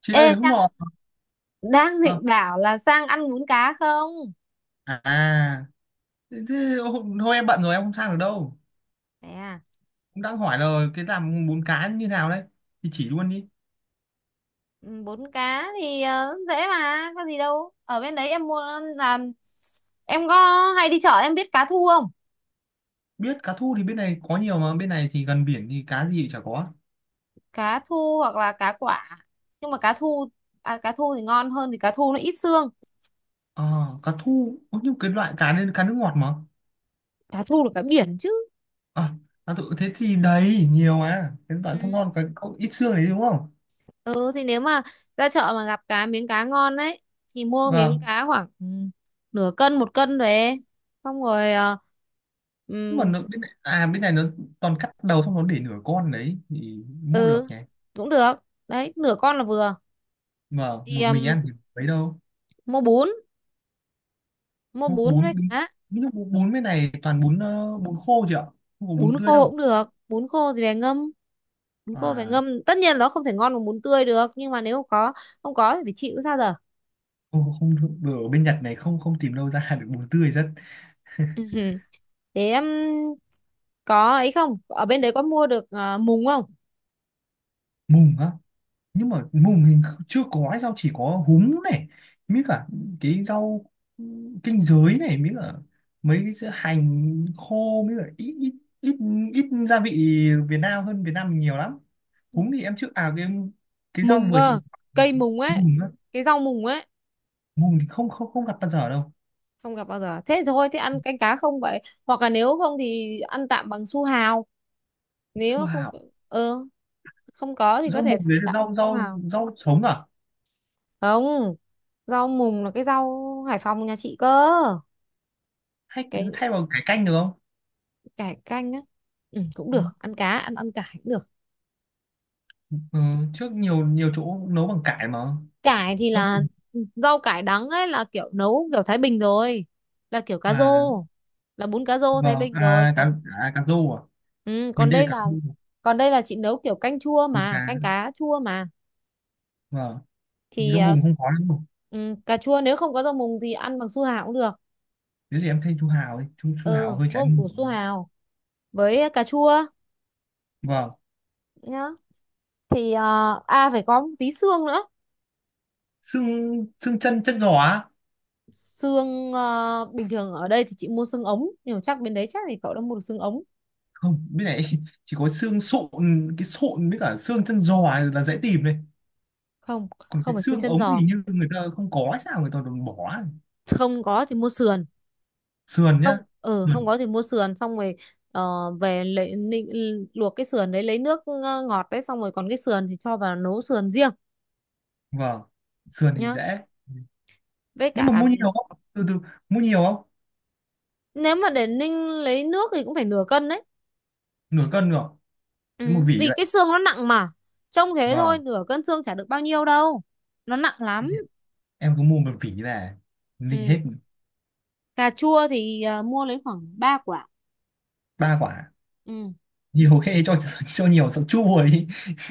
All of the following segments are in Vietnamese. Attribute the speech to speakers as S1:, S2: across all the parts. S1: Chị
S2: Ê
S1: ơi, hôm
S2: Sang,
S1: nọ...
S2: đang
S1: Ờ,
S2: định bảo là Sang ăn bún cá không?
S1: à thế, thôi em bận rồi, em không sang được đâu.
S2: Thế à,
S1: Cũng đang hỏi là cái làm bún cá như nào đấy thì chỉ luôn đi.
S2: ừ, bún cá thì dễ mà, có gì đâu. Ở bên đấy em mua là em có hay đi chợ, em biết cá thu không?
S1: Biết cá thu thì bên này có nhiều mà, bên này thì gần biển thì cá gì chả có.
S2: Cá thu hoặc là cá quả. Nhưng mà cá thu à, cá thu thì ngon hơn vì cá thu nó ít xương.
S1: À, cá thu có nhưng cái loại cá nên cá nước ngọt mà.
S2: Cá thu là cá biển chứ.
S1: Ờ, à, cá thu, thế thì đấy nhiều mà, cái loại
S2: Ừ.
S1: thơm ngon cái có ít xương đấy đúng không?
S2: Ừ thì nếu mà ra chợ mà gặp cá ngon đấy thì mua miếng
S1: Vâng.
S2: cá khoảng nửa cân một cân về. Xong rồi ờ, ừ,
S1: Nhưng mà nó, bên này, à bên này nó toàn cắt đầu, xong nó để nửa con đấy thì mua được
S2: ừ
S1: nhỉ?
S2: cũng được, đấy nửa con là vừa.
S1: Vâng,
S2: Thì
S1: một mình ăn thì mấy đâu.
S2: mua bún mua
S1: bún
S2: bún
S1: bún
S2: với cá.
S1: bún bún bên này toàn bún, bún khô chị ạ. Không có bún
S2: Bún
S1: tươi
S2: khô cũng
S1: đâu.
S2: được, bún khô thì về ngâm, bún khô phải
S1: À
S2: ngâm, tất nhiên nó không thể ngon bằng bún tươi được nhưng mà nếu không có, không có thì phải chịu sao giờ.
S1: không, không được. Ở bên Nhật này không không tìm đâu ra được bún tươi, rất...
S2: Ừ, thế có ấy không, ở bên đấy có mua được mùng không?
S1: Mùng á? Nhưng mà mùng mình chưa có ấy, rau chỉ có húng này, mới cả cái rau kinh giới này, mới cả mấy cái sữa hành khô, mới cả ít ít, ít ít gia vị Việt Nam, hơn Việt Nam mình nhiều lắm.
S2: Ừ.
S1: Húng thì em chưa, cái cái rau
S2: Mùng
S1: vừa chị...
S2: cơ, cây mùng ấy,
S1: Mùng á?
S2: cái rau mùng ấy.
S1: Mùng thì không không không gặp bao giờ đâu.
S2: Không gặp bao giờ, thế thôi, thế ăn canh cá không vậy, hoặc là nếu không thì ăn tạm bằng su hào. Nếu
S1: Su
S2: mà không,
S1: hào?
S2: ừ, không có thì có
S1: Rau
S2: thể
S1: mùng
S2: thay
S1: đấy là
S2: tạm bằng
S1: rau
S2: su
S1: rau
S2: hào.
S1: rau sống à?
S2: Không, rau mùng là cái rau Hải Phòng nhà chị cơ.
S1: Hay
S2: Cái
S1: thay bằng cải canh được không?
S2: cải canh á, ừ, cũng được, ăn cá ăn ăn cải cũng được.
S1: Ừ, trước nhiều nhiều chỗ nấu bằng cải mà.
S2: Cải thì
S1: Rau
S2: là
S1: mùng.
S2: ừ, rau cải đắng ấy là kiểu nấu kiểu Thái Bình rồi, là kiểu cá rô,
S1: À
S2: là bún cá rô Thái
S1: vâng,
S2: Bình rồi
S1: à
S2: cá...
S1: cá, à, cá rô à?
S2: Ừ,
S1: Mình
S2: còn
S1: đây là
S2: đây
S1: cá
S2: là,
S1: rô.
S2: còn đây là chị nấu kiểu canh chua
S1: Mùng
S2: mà,
S1: cá.
S2: canh cá chua mà.
S1: Vâng.
S2: Thì
S1: Rau
S2: à,
S1: mùng không có đâu.
S2: ừ, cà chua nếu không có rau mùng thì ăn bằng su hào cũng được.
S1: Thế thì em thay chú Hào đi, chú
S2: Ừ,
S1: Hào hơi trái
S2: mua củ
S1: mùa.
S2: su hào với cà chua
S1: Vâng.
S2: nhá. Thì à phải có một tí xương nữa.
S1: Xương xương chân chân giò á?
S2: Xương bình thường ở đây thì chị mua xương ống nhưng mà chắc bên đấy chắc thì cậu đã mua được xương ống.
S1: Không, bên này chỉ có xương sụn. Cái sụn với cả xương chân giò là dễ tìm này.
S2: Không,
S1: Còn
S2: không
S1: cái
S2: phải xương
S1: xương
S2: chân
S1: ống
S2: giò,
S1: thì như người ta không có hay sao người ta còn bỏ.
S2: không có thì mua sườn.
S1: Sườn nhá?
S2: Không, ừ, không
S1: Sườn.
S2: có thì mua sườn, xong rồi về luộc cái sườn đấy lấy nước ngọt đấy, xong rồi còn cái sườn thì cho vào nấu sườn riêng
S1: Vâng. Sườn thì
S2: nhá.
S1: dễ.
S2: Với
S1: Nhưng
S2: cả
S1: mà mua nhiều không, từ từ... Mua nhiều không?
S2: nếu mà để ninh lấy nước thì cũng phải nửa cân đấy.
S1: Nửa cân rồi? Nếu một
S2: Ừ,
S1: vỉ
S2: vì
S1: vậy?
S2: cái xương nó nặng mà, trông thế thôi
S1: Vâng.
S2: nửa cân xương chả được bao nhiêu đâu, nó nặng
S1: Thế
S2: lắm.
S1: thì em cứ mua một vỉ về ninh hết.
S2: Ừ. Cà chua thì à, mua lấy khoảng 3 quả.
S1: Ba quả?
S2: Ừ.
S1: Nhiều khê cho cho nhiều sợ chua đi.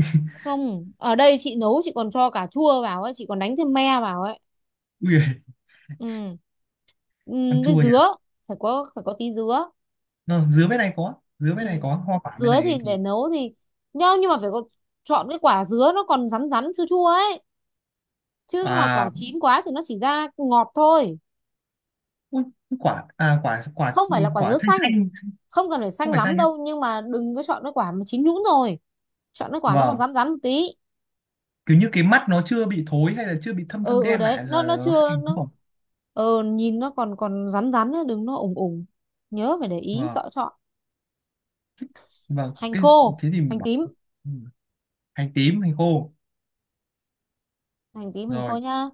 S2: Không, ở đây chị nấu chị còn cho cà chua vào ấy, chị còn đánh thêm me vào ấy.
S1: Ui, giời,
S2: Ừ.
S1: ăn
S2: Ừ, với
S1: chua nhỉ?
S2: dứa, phải có, phải có tí dứa.
S1: Ờ, dứa bên này có, dứa bên
S2: Ừ.
S1: này có hoa quả, bên
S2: Dứa thì
S1: này
S2: để
S1: thì...
S2: nấu thì nhá, nhưng mà phải có, chọn cái quả dứa nó còn rắn rắn chua chua ấy. Chứ mà quả
S1: À
S2: chín quá thì nó chỉ ra ngọt thôi.
S1: ui, quả à, quả quả
S2: Không phải là quả
S1: quả
S2: dứa
S1: xanh
S2: xanh,
S1: xanh?
S2: không cần phải
S1: Không
S2: xanh
S1: phải
S2: lắm
S1: xanh nhá.
S2: đâu nhưng mà đừng có chọn cái quả mà chín nhũn rồi. Chọn cái quả nó còn
S1: Vâng,
S2: rắn rắn một tí.
S1: kiểu như cái mắt nó chưa bị thối hay là chưa bị thâm thâm
S2: Ừ ừ,
S1: đen
S2: đấy
S1: lại là
S2: nó
S1: nó
S2: chưa
S1: xanh đúng
S2: nó
S1: không?
S2: nhìn nó còn còn rắn rắn nhá, đừng nó ủng ủng, nhớ phải để ý
S1: Vâng,
S2: rõ chọn.
S1: vâng,
S2: Hành
S1: cái...
S2: khô,
S1: Thế thì mình
S2: hành
S1: bảo...
S2: tím,
S1: Ừ. Hành tím, hành khô.
S2: hành tím hành khô
S1: Rồi.
S2: nhá.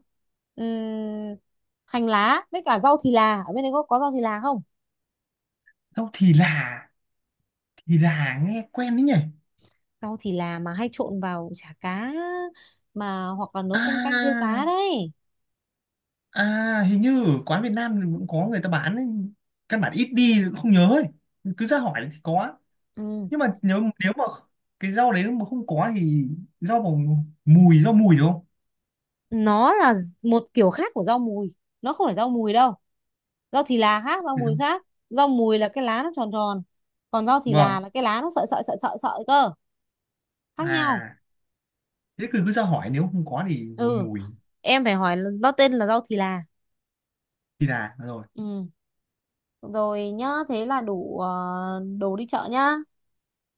S2: Ừm, Hành lá với cả rau thì là, ở bên đấy có rau thì là không?
S1: Đâu, thì là... Thì là nghe quen đấy nhỉ.
S2: Rau thì là mà hay trộn vào chả cá mà, hoặc là nấu canh, canh riêu cá
S1: À,
S2: đấy.
S1: à, hình như ở quán Việt Nam thì cũng có người ta bán ấy. Căn bản ít đi không nhớ ấy. Cứ ra hỏi thì có.
S2: Ừm,
S1: Nhưng mà nếu, nếu mà cái rau đấy mà không có thì rau bằng mùi, rau mùi đúng không?
S2: nó là một kiểu khác của rau mùi, nó không phải rau mùi đâu, rau thì là khác, rau
S1: Phải
S2: mùi
S1: không?
S2: khác. Rau mùi là cái lá nó tròn tròn, còn rau thì
S1: Vâng.
S2: là cái lá nó sợi sợi sợi sợi sợi cơ, khác nhau.
S1: À thế cứ cứ ra hỏi, nếu không có thì dùng
S2: Ừ,
S1: mùi.
S2: em phải hỏi là- nó tên là rau thì là.
S1: Thì là rồi.
S2: Ừ, rồi nhá, thế là đủ đồ đi chợ nhá.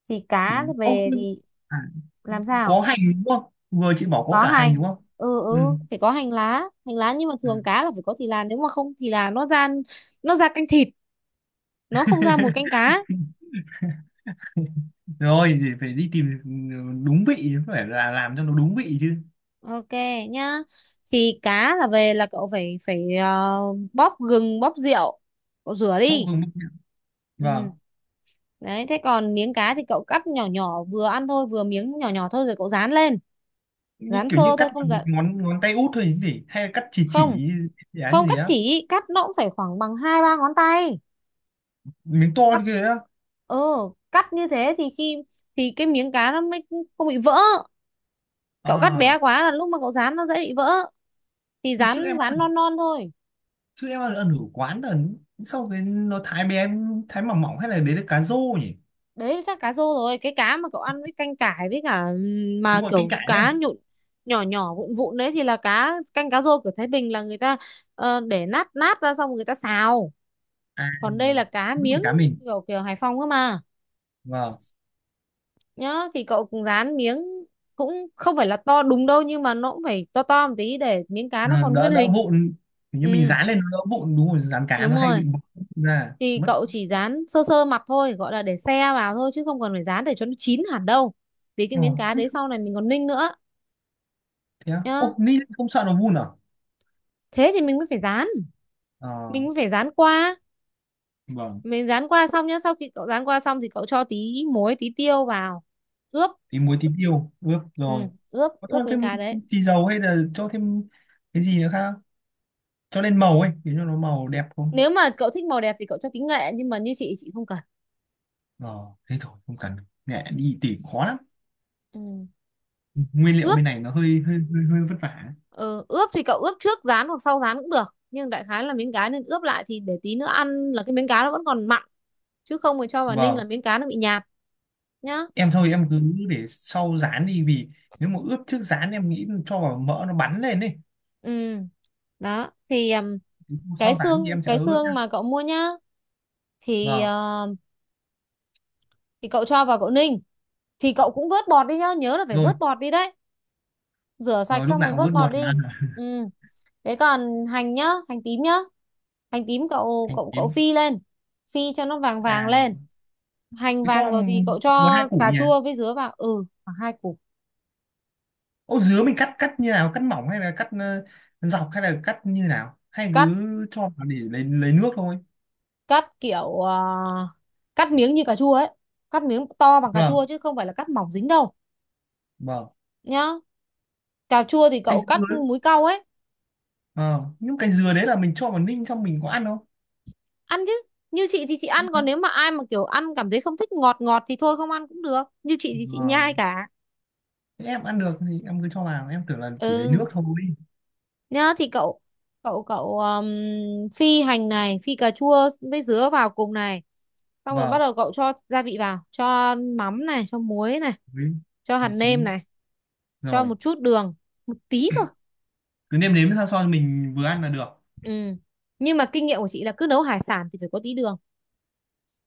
S2: Thì
S1: Ừ.
S2: cá
S1: Ô,
S2: về
S1: nhưng...
S2: thì
S1: À,
S2: làm
S1: có
S2: sao,
S1: hành đúng không, vừa chị bảo có
S2: có
S1: cả hành
S2: hành,
S1: đúng không?
S2: ừ
S1: Ừ.
S2: ừ phải có hành lá. Hành lá, nhưng mà
S1: Ừ.
S2: thường cá là phải có thì là, nếu mà không thì là nó ra, nó ra canh thịt, nó không ra mùi canh cá.
S1: Rồi thì phải đi tìm. Đúng vị phải là Làm cho nó đúng vị chứ.
S2: Ok nhá. Thì cá là về là cậu phải phải bóp gừng, bóp rượu, cậu rửa
S1: Bốc
S2: đi.
S1: không bốc? Vâng.
S2: Ừ. Đấy, thế còn miếng cá thì cậu cắt nhỏ nhỏ vừa ăn thôi, vừa miếng nhỏ nhỏ thôi rồi cậu rán lên.
S1: như
S2: Rán
S1: kiểu như
S2: sơ
S1: cắt
S2: thôi không
S1: bằng
S2: dặn,
S1: ngón ngón tay út thôi chứ gì, hay là cắt chỉ
S2: không,
S1: chỉ Dự án như
S2: không
S1: thế
S2: cắt
S1: á?
S2: chỉ, cắt nó cũng phải khoảng bằng hai ba ngón tay.
S1: Miếng to
S2: Cắt
S1: như thế á?
S2: ừ, cắt như thế thì khi thì cái miếng cá nó mới không bị vỡ. Cậu cắt
S1: À.
S2: bé quá là lúc mà cậu rán nó dễ bị vỡ. Thì
S1: Thì trước
S2: rán
S1: em
S2: rán
S1: ăn,
S2: non non thôi.
S1: ở quán là sau cái nó thái bé, thái mỏng mỏng, hay là đấy là cá rô nhỉ?
S2: Đấy chắc cá rô rồi, cái cá mà cậu ăn với canh cải với cả
S1: Đúng
S2: mà
S1: rồi,
S2: kiểu
S1: canh cải đây.
S2: cá nhụn nhỏ nhỏ vụn vụn đấy thì là cá canh, cá rô của Thái Bình là người ta để nát nát ra xong người ta xào.
S1: À,
S2: Còn đây là cá
S1: đúng rồi,
S2: miếng,
S1: cá mình...
S2: kiểu kiểu Hải Phòng cơ mà.
S1: Vâng.
S2: Nhá thì cậu cũng rán miếng, cũng không phải là to đúng đâu nhưng mà nó cũng phải to to một tí để miếng cá
S1: Ừ,
S2: nó còn
S1: đỡ
S2: nguyên
S1: đỡ
S2: hình.
S1: vụn. Kiểu như mình
S2: Ừ,
S1: dán lên nó đỡ vụn, đúng rồi dán cá
S2: đúng
S1: nó hay
S2: rồi,
S1: bị bong ra
S2: thì
S1: mất.
S2: cậu chỉ rán sơ sơ mặt thôi, gọi là để xe vào thôi chứ không cần phải rán để cho nó chín hẳn đâu, vì cái
S1: Ờ,
S2: miếng cá
S1: thế,
S2: đấy sau này mình còn ninh nữa.
S1: thế à?
S2: Nhá,
S1: Ô, ni không sợ nó vun à?
S2: thế thì mình mới phải dán,
S1: Ờ,
S2: mình mới phải dán qua
S1: vâng.
S2: mình dán qua xong nhá, sau khi cậu dán qua xong thì cậu cho tí muối tí tiêu vào ướp.
S1: Tí muối, tí tiêu ướp
S2: Ừ,
S1: rồi.
S2: ướp
S1: Có cho
S2: ướp miếng
S1: thêm
S2: cá đấy.
S1: tí dầu hay là cho thêm cái gì nữa khác không? Cho lên màu ấy, để cho nó màu đẹp không?
S2: Nếu mà cậu thích màu đẹp thì cậu cho tí nghệ nhưng mà như chị không cần.
S1: Ờ, thế thôi, không cần. Mẹ đi tỉ khó lắm.
S2: Ừ.
S1: Nguyên liệu
S2: Ướp,
S1: bên này nó hơi vất vả.
S2: ừ, ướp thì cậu ướp trước rán hoặc sau rán cũng được nhưng đại khái là miếng cá nên ướp lại thì để tí nữa ăn là cái miếng cá nó vẫn còn mặn, chứ không thì cho vào ninh là
S1: Vâng.
S2: miếng cá nó bị nhạt nhá.
S1: Em thôi, em cứ để sau rán đi, vì nếu mà ướp trước rán em nghĩ cho vào mỡ nó bắn lên đi.
S2: Ừ, đó thì cái
S1: Sau rán
S2: xương,
S1: thì em sẽ ướp nhá.
S2: mà cậu mua nhá thì
S1: Vâng.
S2: thì cậu cho vào cậu ninh, thì cậu cũng vớt bọt đi nhá, nhớ là phải
S1: Rồi,
S2: vớt bọt đi đấy, rửa sạch
S1: rồi, lúc
S2: xong
S1: nào
S2: rồi
S1: cũng
S2: vớt
S1: vớt
S2: bọt
S1: bột mà.
S2: đi. Ừ, thế còn hành nhá, hành tím nhá, hành tím cậu
S1: Hành
S2: cậu cậu
S1: tím.
S2: phi lên, phi cho nó vàng vàng lên.
S1: À,
S2: Hành
S1: cứ
S2: vàng
S1: cho
S2: rồi thì cậu
S1: một hai
S2: cho
S1: củ
S2: cà
S1: nhỉ?
S2: chua với dứa vào. Ừ, khoảng hai củ.
S1: Ô dứa mình cắt cắt như nào? Cắt mỏng hay là cắt, dọc hay là cắt như nào? Hay
S2: Cắt
S1: cứ cho vào để lấy nước thôi.
S2: cắt kiểu à, cắt miếng như cà chua ấy, cắt miếng to bằng cà chua
S1: Vâng,
S2: chứ không phải là cắt mỏng dính đâu
S1: vâng.
S2: nhá. Cà chua thì
S1: Cây
S2: cậu cắt
S1: dứa, ấy.
S2: múi cau ấy.
S1: Ờ, nhưng cái dừa đấy là mình cho vào ninh xong mình có ăn không?
S2: Ăn chứ, như chị thì chị ăn,
S1: Không thế.
S2: còn nếu mà ai mà kiểu ăn cảm thấy không thích ngọt ngọt thì thôi không ăn cũng được, như chị thì chị
S1: Ờ,
S2: nhai cả.
S1: thế em ăn được thì em cứ cho vào, em tưởng là chỉ lấy
S2: Ừ,
S1: nước thôi.
S2: nhá thì cậu cậu cậu phi hành này, phi cà chua với dứa vào cùng này, xong rồi bắt
S1: Vâng,
S2: đầu cậu cho gia vị vào, cho mắm này, cho muối này,
S1: với
S2: cho hạt
S1: mì
S2: nêm
S1: chính
S2: này, cho
S1: rồi.
S2: một chút đường, một tí thôi.
S1: Cứ nêm nếm sao cho mình vừa ăn là được.
S2: Ừ, nhưng mà kinh nghiệm của chị là cứ nấu hải sản thì phải có tí đường,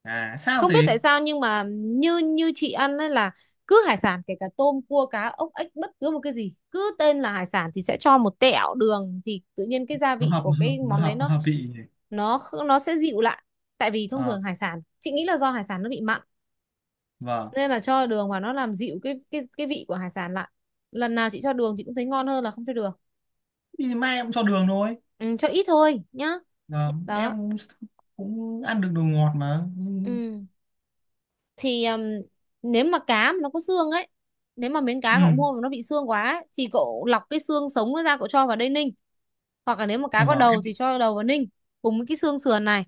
S1: À sao
S2: không biết tại
S1: thế?
S2: sao nhưng mà như như chị ăn ấy là cứ hải sản kể cả tôm cua cá ốc ếch bất cứ một cái gì cứ tên là hải sản thì sẽ cho một tẹo đường thì tự nhiên cái gia vị của cái món đấy
S1: Hợp vị nhỉ?
S2: nó sẽ dịu lại. Tại vì thông
S1: Ờ,
S2: thường hải sản chị nghĩ là do hải sản nó bị mặn,
S1: vâng.
S2: nên là cho đường vào nó làm dịu cái vị của hải sản lại. Lần nào chị cho đường chị cũng thấy ngon hơn là không cho đường.
S1: Thì mai em cho đường thôi.
S2: Ừ, cho ít thôi nhá,
S1: Ờ, em
S2: đó.
S1: cũng ăn được đồ ngọt mà.
S2: Ừ, thì nếu mà cá mà nó có xương ấy, nếu mà miếng cá cậu
S1: Ừ.
S2: mua mà nó bị xương quá ấy, thì cậu lọc cái xương sống nó ra cậu cho vào đây ninh, hoặc là nếu mà cá
S1: Ờ,
S2: có
S1: vâng
S2: đầu
S1: em.
S2: thì cho đầu vào ninh cùng với cái xương sườn này.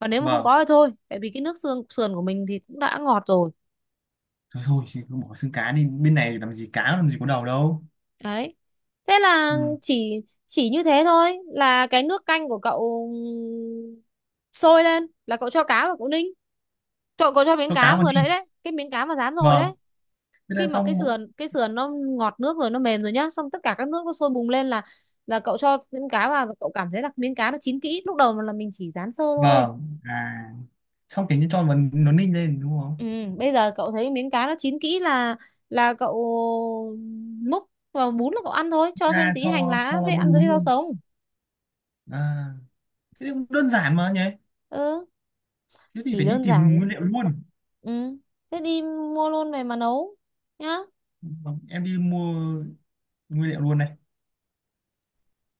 S2: Và nếu mà không
S1: Vâng,
S2: có thì thôi, tại vì cái nước xương sườn của mình thì cũng đã ngọt rồi.
S1: thôi, thôi thì cứ bỏ xương cá đi, bên này làm gì cá làm gì có đầu đâu.
S2: Đấy, thế là
S1: Ừ.
S2: chỉ như thế thôi, là cái nước canh của cậu sôi lên là cậu cho cá vào cậu ninh, cậu cậu cho miếng
S1: Cho cá
S2: cá
S1: vào
S2: vừa
S1: đi.
S2: nãy đấy, cái miếng cá mà rán rồi
S1: Vâng.
S2: đấy.
S1: Thế
S2: Khi
S1: là
S2: mà
S1: xong bộ...
S2: cái sườn nó ngọt nước rồi, nó mềm rồi nhá, xong tất cả các nước nó sôi bùng lên là cậu cho miếng cá vào, cậu cảm thấy là miếng cá nó chín kỹ, lúc đầu là mình chỉ rán sơ thôi.
S1: Vâng, à, xong kiểu như cho vào nó ninh lên đúng không?
S2: Ừ, bây giờ cậu thấy miếng cá nó chín kỹ là cậu múc vào bún là cậu ăn thôi, cho thêm
S1: Ra
S2: tí hành
S1: cho
S2: lá
S1: cho vào
S2: với
S1: bữa
S2: ăn với
S1: đún
S2: rau
S1: luôn.
S2: sống.
S1: À, thế thì cũng đơn giản mà nhỉ.
S2: Ừ,
S1: Thế thì
S2: thì
S1: phải đi
S2: đơn
S1: tìm
S2: giản,
S1: nguyên liệu luôn.
S2: ừ, thế đi mua luôn về mà nấu nhá.
S1: Vâng, em đi mua nguyên liệu luôn đây.